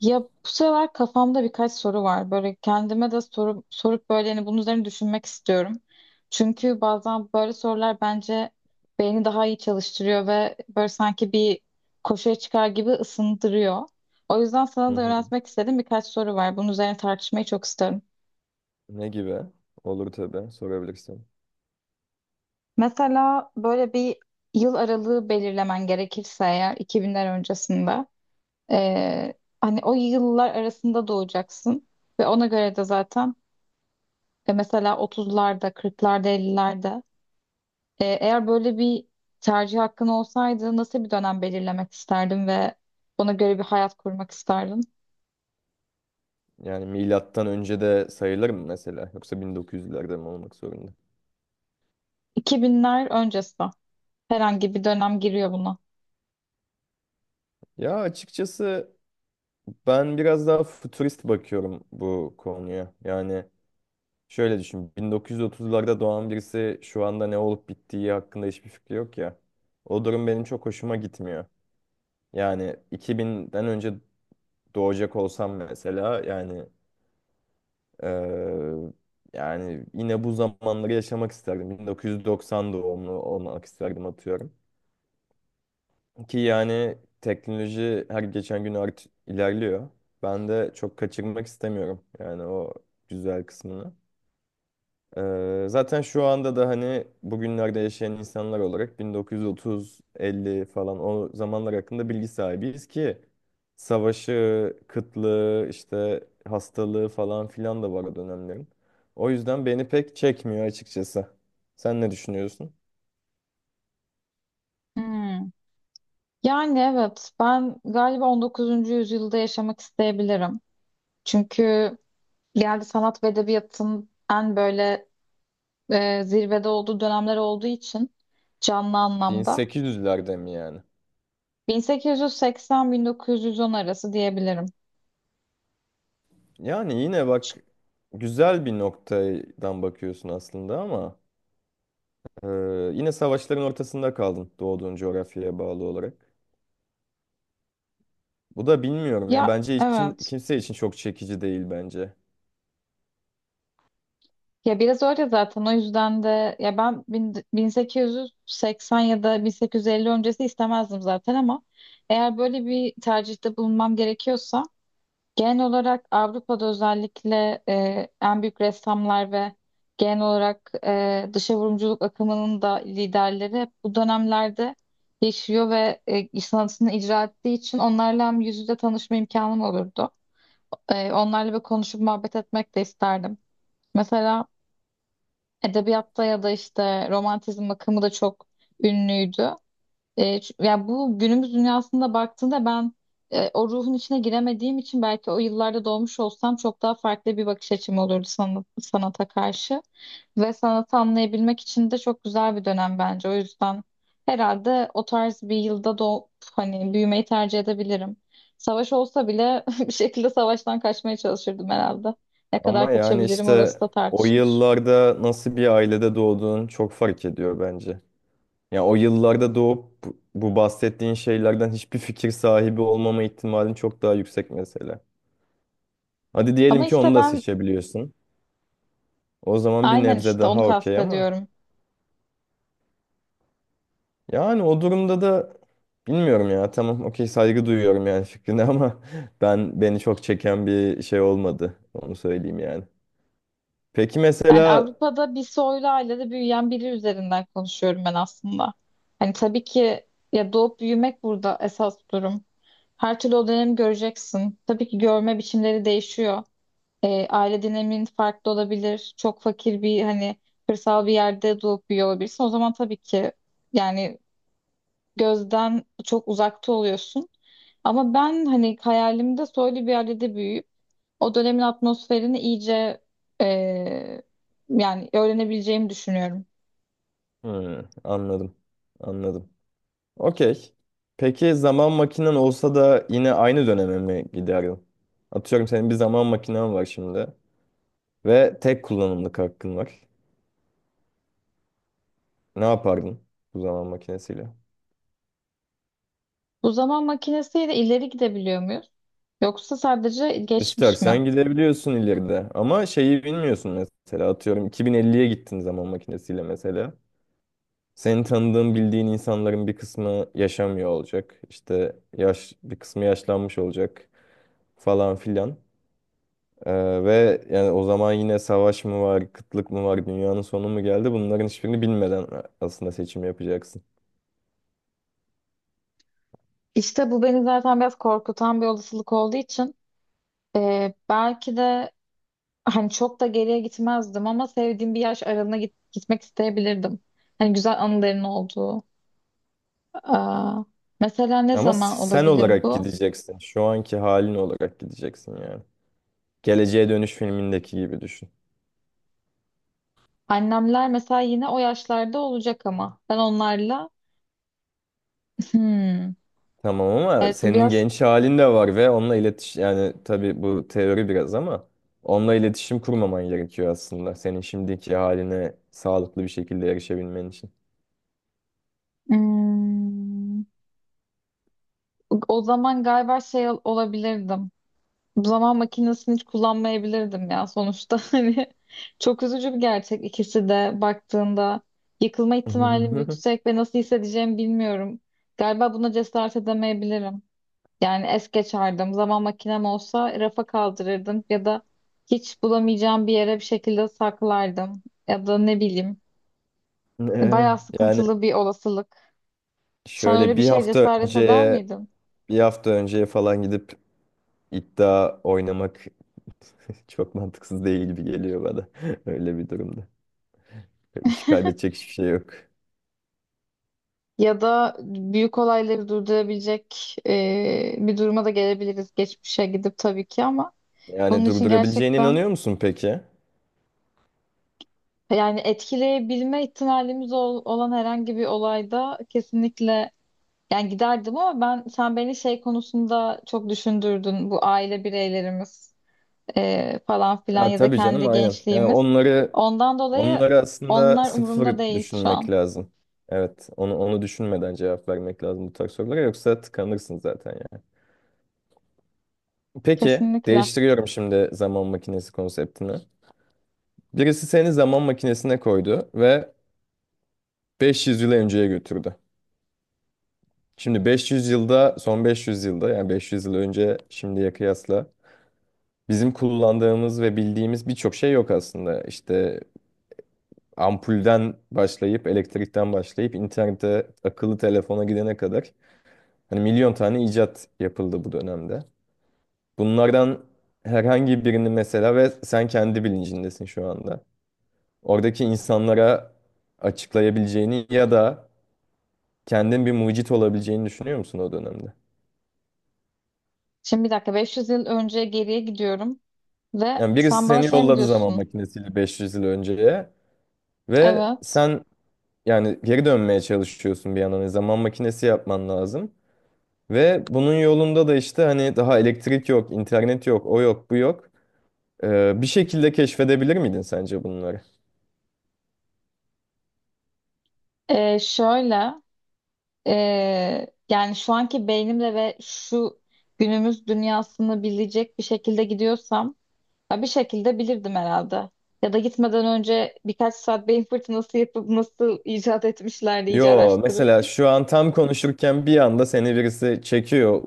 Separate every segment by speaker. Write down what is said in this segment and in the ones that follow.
Speaker 1: Ya bu sefer kafamda birkaç soru var. Böyle kendime de soru sorup böyle hani bunun üzerine düşünmek istiyorum. Çünkü bazen böyle sorular bence beyni daha iyi çalıştırıyor ve böyle sanki bir koşuya çıkar gibi ısındırıyor. O yüzden
Speaker 2: Hı
Speaker 1: sana da
Speaker 2: hı.
Speaker 1: yöneltmek istediğim birkaç soru var. Bunun üzerine tartışmayı çok isterim.
Speaker 2: Ne gibi? Olur tabii. Sorabilirsin.
Speaker 1: Mesela böyle bir yıl aralığı belirlemen gerekirse eğer 2000'ler öncesinde eee, hani o yıllar arasında doğacaksın ve ona göre de zaten. Mesela 30'larda, 40'larda, 50'lerde. Eğer böyle bir tercih hakkın olsaydı nasıl bir dönem belirlemek isterdin ve ona göre bir hayat kurmak isterdin?
Speaker 2: Yani milattan önce de sayılır mı mesela? Yoksa 1900'lerde mi olmak zorunda?
Speaker 1: 2000'ler öncesi. Herhangi bir dönem giriyor buna.
Speaker 2: Ya açıkçası ben biraz daha futurist bakıyorum bu konuya. Yani şöyle düşün. 1930'larda doğan birisi şu anda ne olup bittiği hakkında hiçbir fikri yok ya. O durum benim çok hoşuma gitmiyor. Yani 2000'den önce doğacak olsam mesela Eee, yani yine bu zamanları yaşamak isterdim. 1990 doğumlu olmak isterdim atıyorum. Ki yani teknoloji her geçen gün ilerliyor. Ben de çok kaçırmak istemiyorum yani o güzel kısmını. Zaten şu anda da hani bugünlerde yaşayan insanlar olarak 1930-50 falan o zamanlar hakkında bilgi sahibiyiz ki savaşı, kıtlığı, işte hastalığı falan filan da var o dönemlerin. O yüzden beni pek çekmiyor açıkçası. Sen ne düşünüyorsun?
Speaker 1: Hmm. Yani evet ben galiba 19. yüzyılda yaşamak isteyebilirim. Çünkü geldi sanat ve edebiyatın en böyle zirvede olduğu dönemler olduğu için canlı anlamda
Speaker 2: 1800'lerde mi yani?
Speaker 1: 1880-1910 arası diyebilirim.
Speaker 2: Yani yine bak güzel bir noktadan bakıyorsun aslında ama e, yine savaşların ortasında kaldın doğduğun coğrafyaya bağlı olarak. Bu da bilmiyorum ya.
Speaker 1: Ya
Speaker 2: Bence hiç
Speaker 1: evet.
Speaker 2: kimse için çok çekici değil bence.
Speaker 1: Ya biraz öyle zaten, o yüzden de ya 1880 ya da 1850 öncesi istemezdim zaten, ama eğer böyle bir tercihte bulunmam gerekiyorsa genel olarak Avrupa'da özellikle en büyük ressamlar ve genel olarak dışa vurumculuk akımının da liderleri hep bu dönemlerde yaşıyor ve sanatını icra ettiği için onlarla hem yüz yüze tanışma imkanım olurdu. Onlarla bir konuşup muhabbet etmek de isterdim. Mesela edebiyatta ya da işte romantizm akımı da çok ünlüydü. Ya bu günümüz dünyasında baktığında ben o ruhun içine giremediğim için belki o yıllarda doğmuş olsam çok daha farklı bir bakış açım olurdu sanata karşı. Ve sanatı anlayabilmek için de çok güzel bir dönem bence. O yüzden herhalde o tarz bir yılda doğup hani büyümeyi tercih edebilirim. Savaş olsa bile bir şekilde savaştan kaçmaya çalışırdım herhalde. Ne
Speaker 2: Ama
Speaker 1: kadar
Speaker 2: yani
Speaker 1: kaçabilirim orası
Speaker 2: işte
Speaker 1: da
Speaker 2: o
Speaker 1: tartışılır.
Speaker 2: yıllarda nasıl bir ailede doğduğun çok fark ediyor bence. Ya o yıllarda doğup bu bahsettiğin şeylerden hiçbir fikir sahibi olmama ihtimalin çok daha yüksek mesela. Hadi
Speaker 1: Ama
Speaker 2: diyelim ki
Speaker 1: işte
Speaker 2: onu da
Speaker 1: ben.
Speaker 2: seçebiliyorsun. O zaman bir
Speaker 1: Aynen,
Speaker 2: nebze
Speaker 1: işte onu
Speaker 2: daha okey ama
Speaker 1: kastediyorum.
Speaker 2: yani o durumda da bilmiyorum ya. Tamam okey saygı duyuyorum yani fikrine ama ben beni çok çeken bir şey olmadı. Onu söyleyeyim yani. Peki,
Speaker 1: Yani
Speaker 2: mesela.
Speaker 1: Avrupa'da bir soylu ailede büyüyen biri üzerinden konuşuyorum ben aslında. Hani tabii ki, ya doğup büyümek burada esas durum. Her türlü o dönemi göreceksin. Tabii ki görme biçimleri değişiyor. Aile dinamiğin farklı olabilir. Çok fakir bir hani kırsal bir yerde doğup büyüyor olabilirsin. O zaman tabii ki yani gözden çok uzakta oluyorsun. Ama ben hani hayalimde soylu bir ailede büyüyüp o dönemin atmosferini iyice eee, yani öğrenebileceğimi düşünüyorum.
Speaker 2: Hı, anladım. Anladım. Okey. Peki zaman makinen olsa da yine aynı döneme mi giderdin? Atıyorum senin bir zaman makinen var şimdi ve tek kullanımlık hakkın var. Ne yapardın bu zaman makinesiyle?
Speaker 1: Bu zaman makinesiyle ileri gidebiliyor muyuz? Yoksa sadece geçmiş mi?
Speaker 2: İstersen gidebiliyorsun ileride ama şeyi bilmiyorsun mesela atıyorum 2050'ye gittin zaman makinesiyle mesela. Senin tanıdığın bildiğin insanların bir kısmı yaşamıyor olacak. İşte bir kısmı yaşlanmış olacak falan filan. Ve yani o zaman yine savaş mı var, kıtlık mı var, dünyanın sonu mu geldi? Bunların hiçbirini bilmeden aslında seçim yapacaksın.
Speaker 1: İşte bu beni zaten biraz korkutan bir olasılık olduğu için belki de hani çok da geriye gitmezdim ama sevdiğim bir yaş aralığına gitmek isteyebilirdim. Hani güzel anıların olduğu. Aa, mesela ne
Speaker 2: Ama
Speaker 1: zaman
Speaker 2: sen
Speaker 1: olabilir
Speaker 2: olarak
Speaker 1: bu?
Speaker 2: gideceksin. Şu anki halin olarak gideceksin yani. Geleceğe Dönüş filmindeki gibi düşün.
Speaker 1: Annemler mesela yine o yaşlarda olacak ama ben onlarla hmm,
Speaker 2: Tamam ama
Speaker 1: evet bu
Speaker 2: senin
Speaker 1: biraz
Speaker 2: genç halin de var ve onunla yani, tabii bu teori biraz ama, onunla iletişim kurmaman gerekiyor aslında. Senin şimdiki haline sağlıklı bir şekilde erişebilmen için.
Speaker 1: hmm, o zaman galiba şey olabilirdim. Zaman makinesini hiç kullanmayabilirdim ya sonuçta. Hani çok üzücü bir gerçek, ikisi de baktığında yıkılma ihtimalim yüksek ve nasıl hissedeceğimi bilmiyorum. Galiba buna cesaret edemeyebilirim. Yani es geçerdim. Zaman makinem olsa rafa kaldırırdım ya da hiç bulamayacağım bir yere bir şekilde saklardım ya da ne bileyim. Bayağı
Speaker 2: Ee, Yani
Speaker 1: sıkıntılı bir olasılık. Sen öyle
Speaker 2: şöyle
Speaker 1: bir şey cesaret eder miydin?
Speaker 2: bir hafta önce falan gidip iddia oynamak çok mantıksız değil gibi geliyor bana. Öyle bir durumda. Hiç kaybedecek hiçbir şey yok.
Speaker 1: Ya da büyük olayları durdurabilecek bir duruma da gelebiliriz geçmişe gidip tabii ki, ama
Speaker 2: Yani
Speaker 1: bunun için
Speaker 2: durdurabileceğine
Speaker 1: gerçekten
Speaker 2: inanıyor musun peki?
Speaker 1: yani etkileyebilme ihtimalimiz olan herhangi bir olayda kesinlikle yani giderdim, ama ben sen beni şey konusunda çok düşündürdün, bu aile bireylerimiz falan filan
Speaker 2: Ha,
Speaker 1: ya da
Speaker 2: tabii canım
Speaker 1: kendi
Speaker 2: aynen. Yani
Speaker 1: gençliğimiz.
Speaker 2: onları
Speaker 1: Ondan dolayı
Speaker 2: onları aslında
Speaker 1: onlar
Speaker 2: sıfır
Speaker 1: umurumda değil şu
Speaker 2: düşünmek
Speaker 1: an.
Speaker 2: lazım. Evet, onu düşünmeden cevap vermek lazım bu tarz sorulara, yoksa tıkanırsın zaten yani. Peki,
Speaker 1: Kesinlikle.
Speaker 2: değiştiriyorum şimdi zaman makinesi konseptini. Birisi seni zaman makinesine koydu ve 500 yıl önceye götürdü. Şimdi 500 yılda, son 500 yılda, yani 500 yıl önce şimdiye kıyasla bizim kullandığımız ve bildiğimiz birçok şey yok aslında. İşte ampulden başlayıp, elektrikten başlayıp, internete, akıllı telefona gidene kadar hani milyon tane icat yapıldı bu dönemde. Bunlardan herhangi birini mesela, ve sen kendi bilincindesin şu anda. Oradaki insanlara açıklayabileceğini ya da kendin bir mucit olabileceğini düşünüyor musun o dönemde?
Speaker 1: Şimdi bir dakika, 500 yıl önce geriye gidiyorum. Ve
Speaker 2: Yani birisi
Speaker 1: sen bana
Speaker 2: seni
Speaker 1: şey mi
Speaker 2: yolladı zaman
Speaker 1: diyorsun?
Speaker 2: makinesiyle 500 yıl önceye ve
Speaker 1: Evet.
Speaker 2: sen yani geri dönmeye çalışıyorsun bir yandan. Yani zaman makinesi yapman lazım. Ve bunun yolunda da işte hani daha elektrik yok, internet yok, o yok, bu yok. Bir şekilde keşfedebilir miydin sence bunları?
Speaker 1: Şöyle yani şu anki beynimle ve şu günümüz dünyasını bilecek bir şekilde gidiyorsam, ya bir şekilde bilirdim herhalde. Ya da gitmeden önce birkaç saat beyin fırtınası yapıp nasıl icat etmişler diye iyice
Speaker 2: Yo,
Speaker 1: araştırır.
Speaker 2: mesela şu an tam konuşurken bir anda seni birisi çekiyor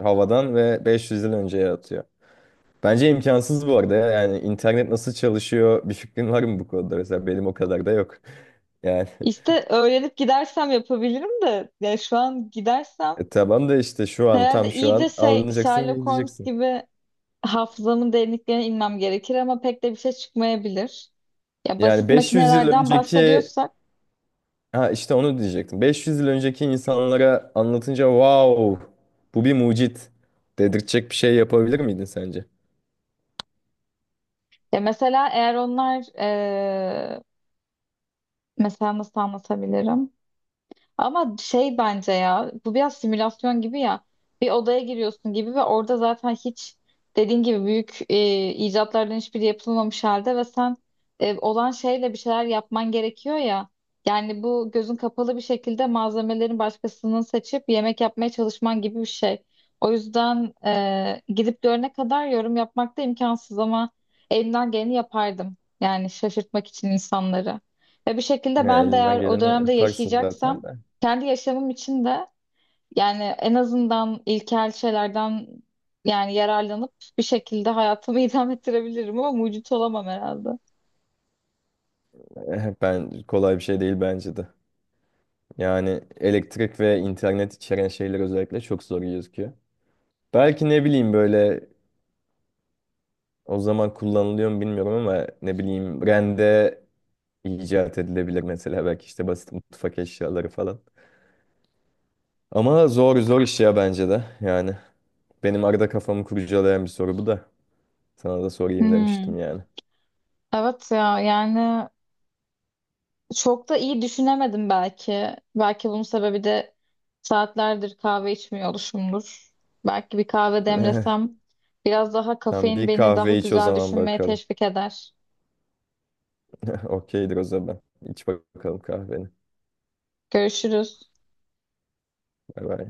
Speaker 2: havadan ve 500 yıl önceye atıyor. Bence imkansız bu arada ya. Yani internet nasıl çalışıyor, bir fikrin var mı bu konuda? Mesela benim o kadar da yok. Yani.
Speaker 1: İşte öğrenip gidersem yapabilirim de, yani şu an gidersem
Speaker 2: Tamam da işte şu an,
Speaker 1: herhalde
Speaker 2: tam şu an
Speaker 1: iyice şey,
Speaker 2: alınacaksın,
Speaker 1: Sherlock Holmes
Speaker 2: gideceksin.
Speaker 1: gibi hafızamın derinliklerine inmem gerekir ama pek de bir şey çıkmayabilir. Ya
Speaker 2: Yani
Speaker 1: basit
Speaker 2: 500 yıl
Speaker 1: makinelerden
Speaker 2: önceki,
Speaker 1: bahsediyorsak,
Speaker 2: ha işte onu diyecektim. 500 yıl önceki insanlara anlatınca wow, bu bir mucit dedirtecek bir şey yapabilir miydin sence?
Speaker 1: ya mesela eğer onlar mesela nasıl anlatabilirim? Ama şey bence, ya bu biraz simülasyon gibi ya, bir odaya giriyorsun gibi ve orada zaten hiç dediğin gibi büyük icatlardan hiçbiri yapılmamış halde ve sen olan şeyle bir şeyler yapman gerekiyor ya. Yani bu gözün kapalı bir şekilde malzemelerin başkasının seçip yemek yapmaya çalışman gibi bir şey. O yüzden gidip görene kadar yorum yapmak da imkansız, ama elimden geleni yapardım. Yani şaşırtmak için insanları. Ve bir şekilde
Speaker 2: Ya
Speaker 1: ben de
Speaker 2: elinden
Speaker 1: eğer o
Speaker 2: geleni
Speaker 1: dönemde
Speaker 2: yaparsın
Speaker 1: yaşayacaksam
Speaker 2: zaten de.
Speaker 1: kendi yaşamım için de yani en azından ilkel şeylerden yani yararlanıp bir şekilde hayatımı idame ettirebilirim ama mucit olamam herhalde.
Speaker 2: Ben kolay bir şey değil bence de. Yani elektrik ve internet içeren şeyler özellikle çok zor gözüküyor. Belki ne bileyim, böyle o zaman kullanılıyor mu bilmiyorum ama ne bileyim, rende icat edilebilir mesela, belki işte basit mutfak eşyaları falan. Ama zor zor iş ya bence de yani. Benim arada kafamı kurcalayan bir soru bu da. Sana da sorayım
Speaker 1: Hmm.
Speaker 2: demiştim yani.
Speaker 1: Evet ya, yani çok da iyi düşünemedim belki. Belki bunun sebebi de saatlerdir kahve içmiyor oluşumdur. Belki bir kahve demlesem biraz daha
Speaker 2: Tamam,
Speaker 1: kafein
Speaker 2: bir
Speaker 1: beni daha
Speaker 2: kahve iç o
Speaker 1: güzel
Speaker 2: zaman
Speaker 1: düşünmeye
Speaker 2: bakalım.
Speaker 1: teşvik eder.
Speaker 2: Okeydir o zaman. İç bakalım kahveni.
Speaker 1: Görüşürüz.
Speaker 2: Bay bay.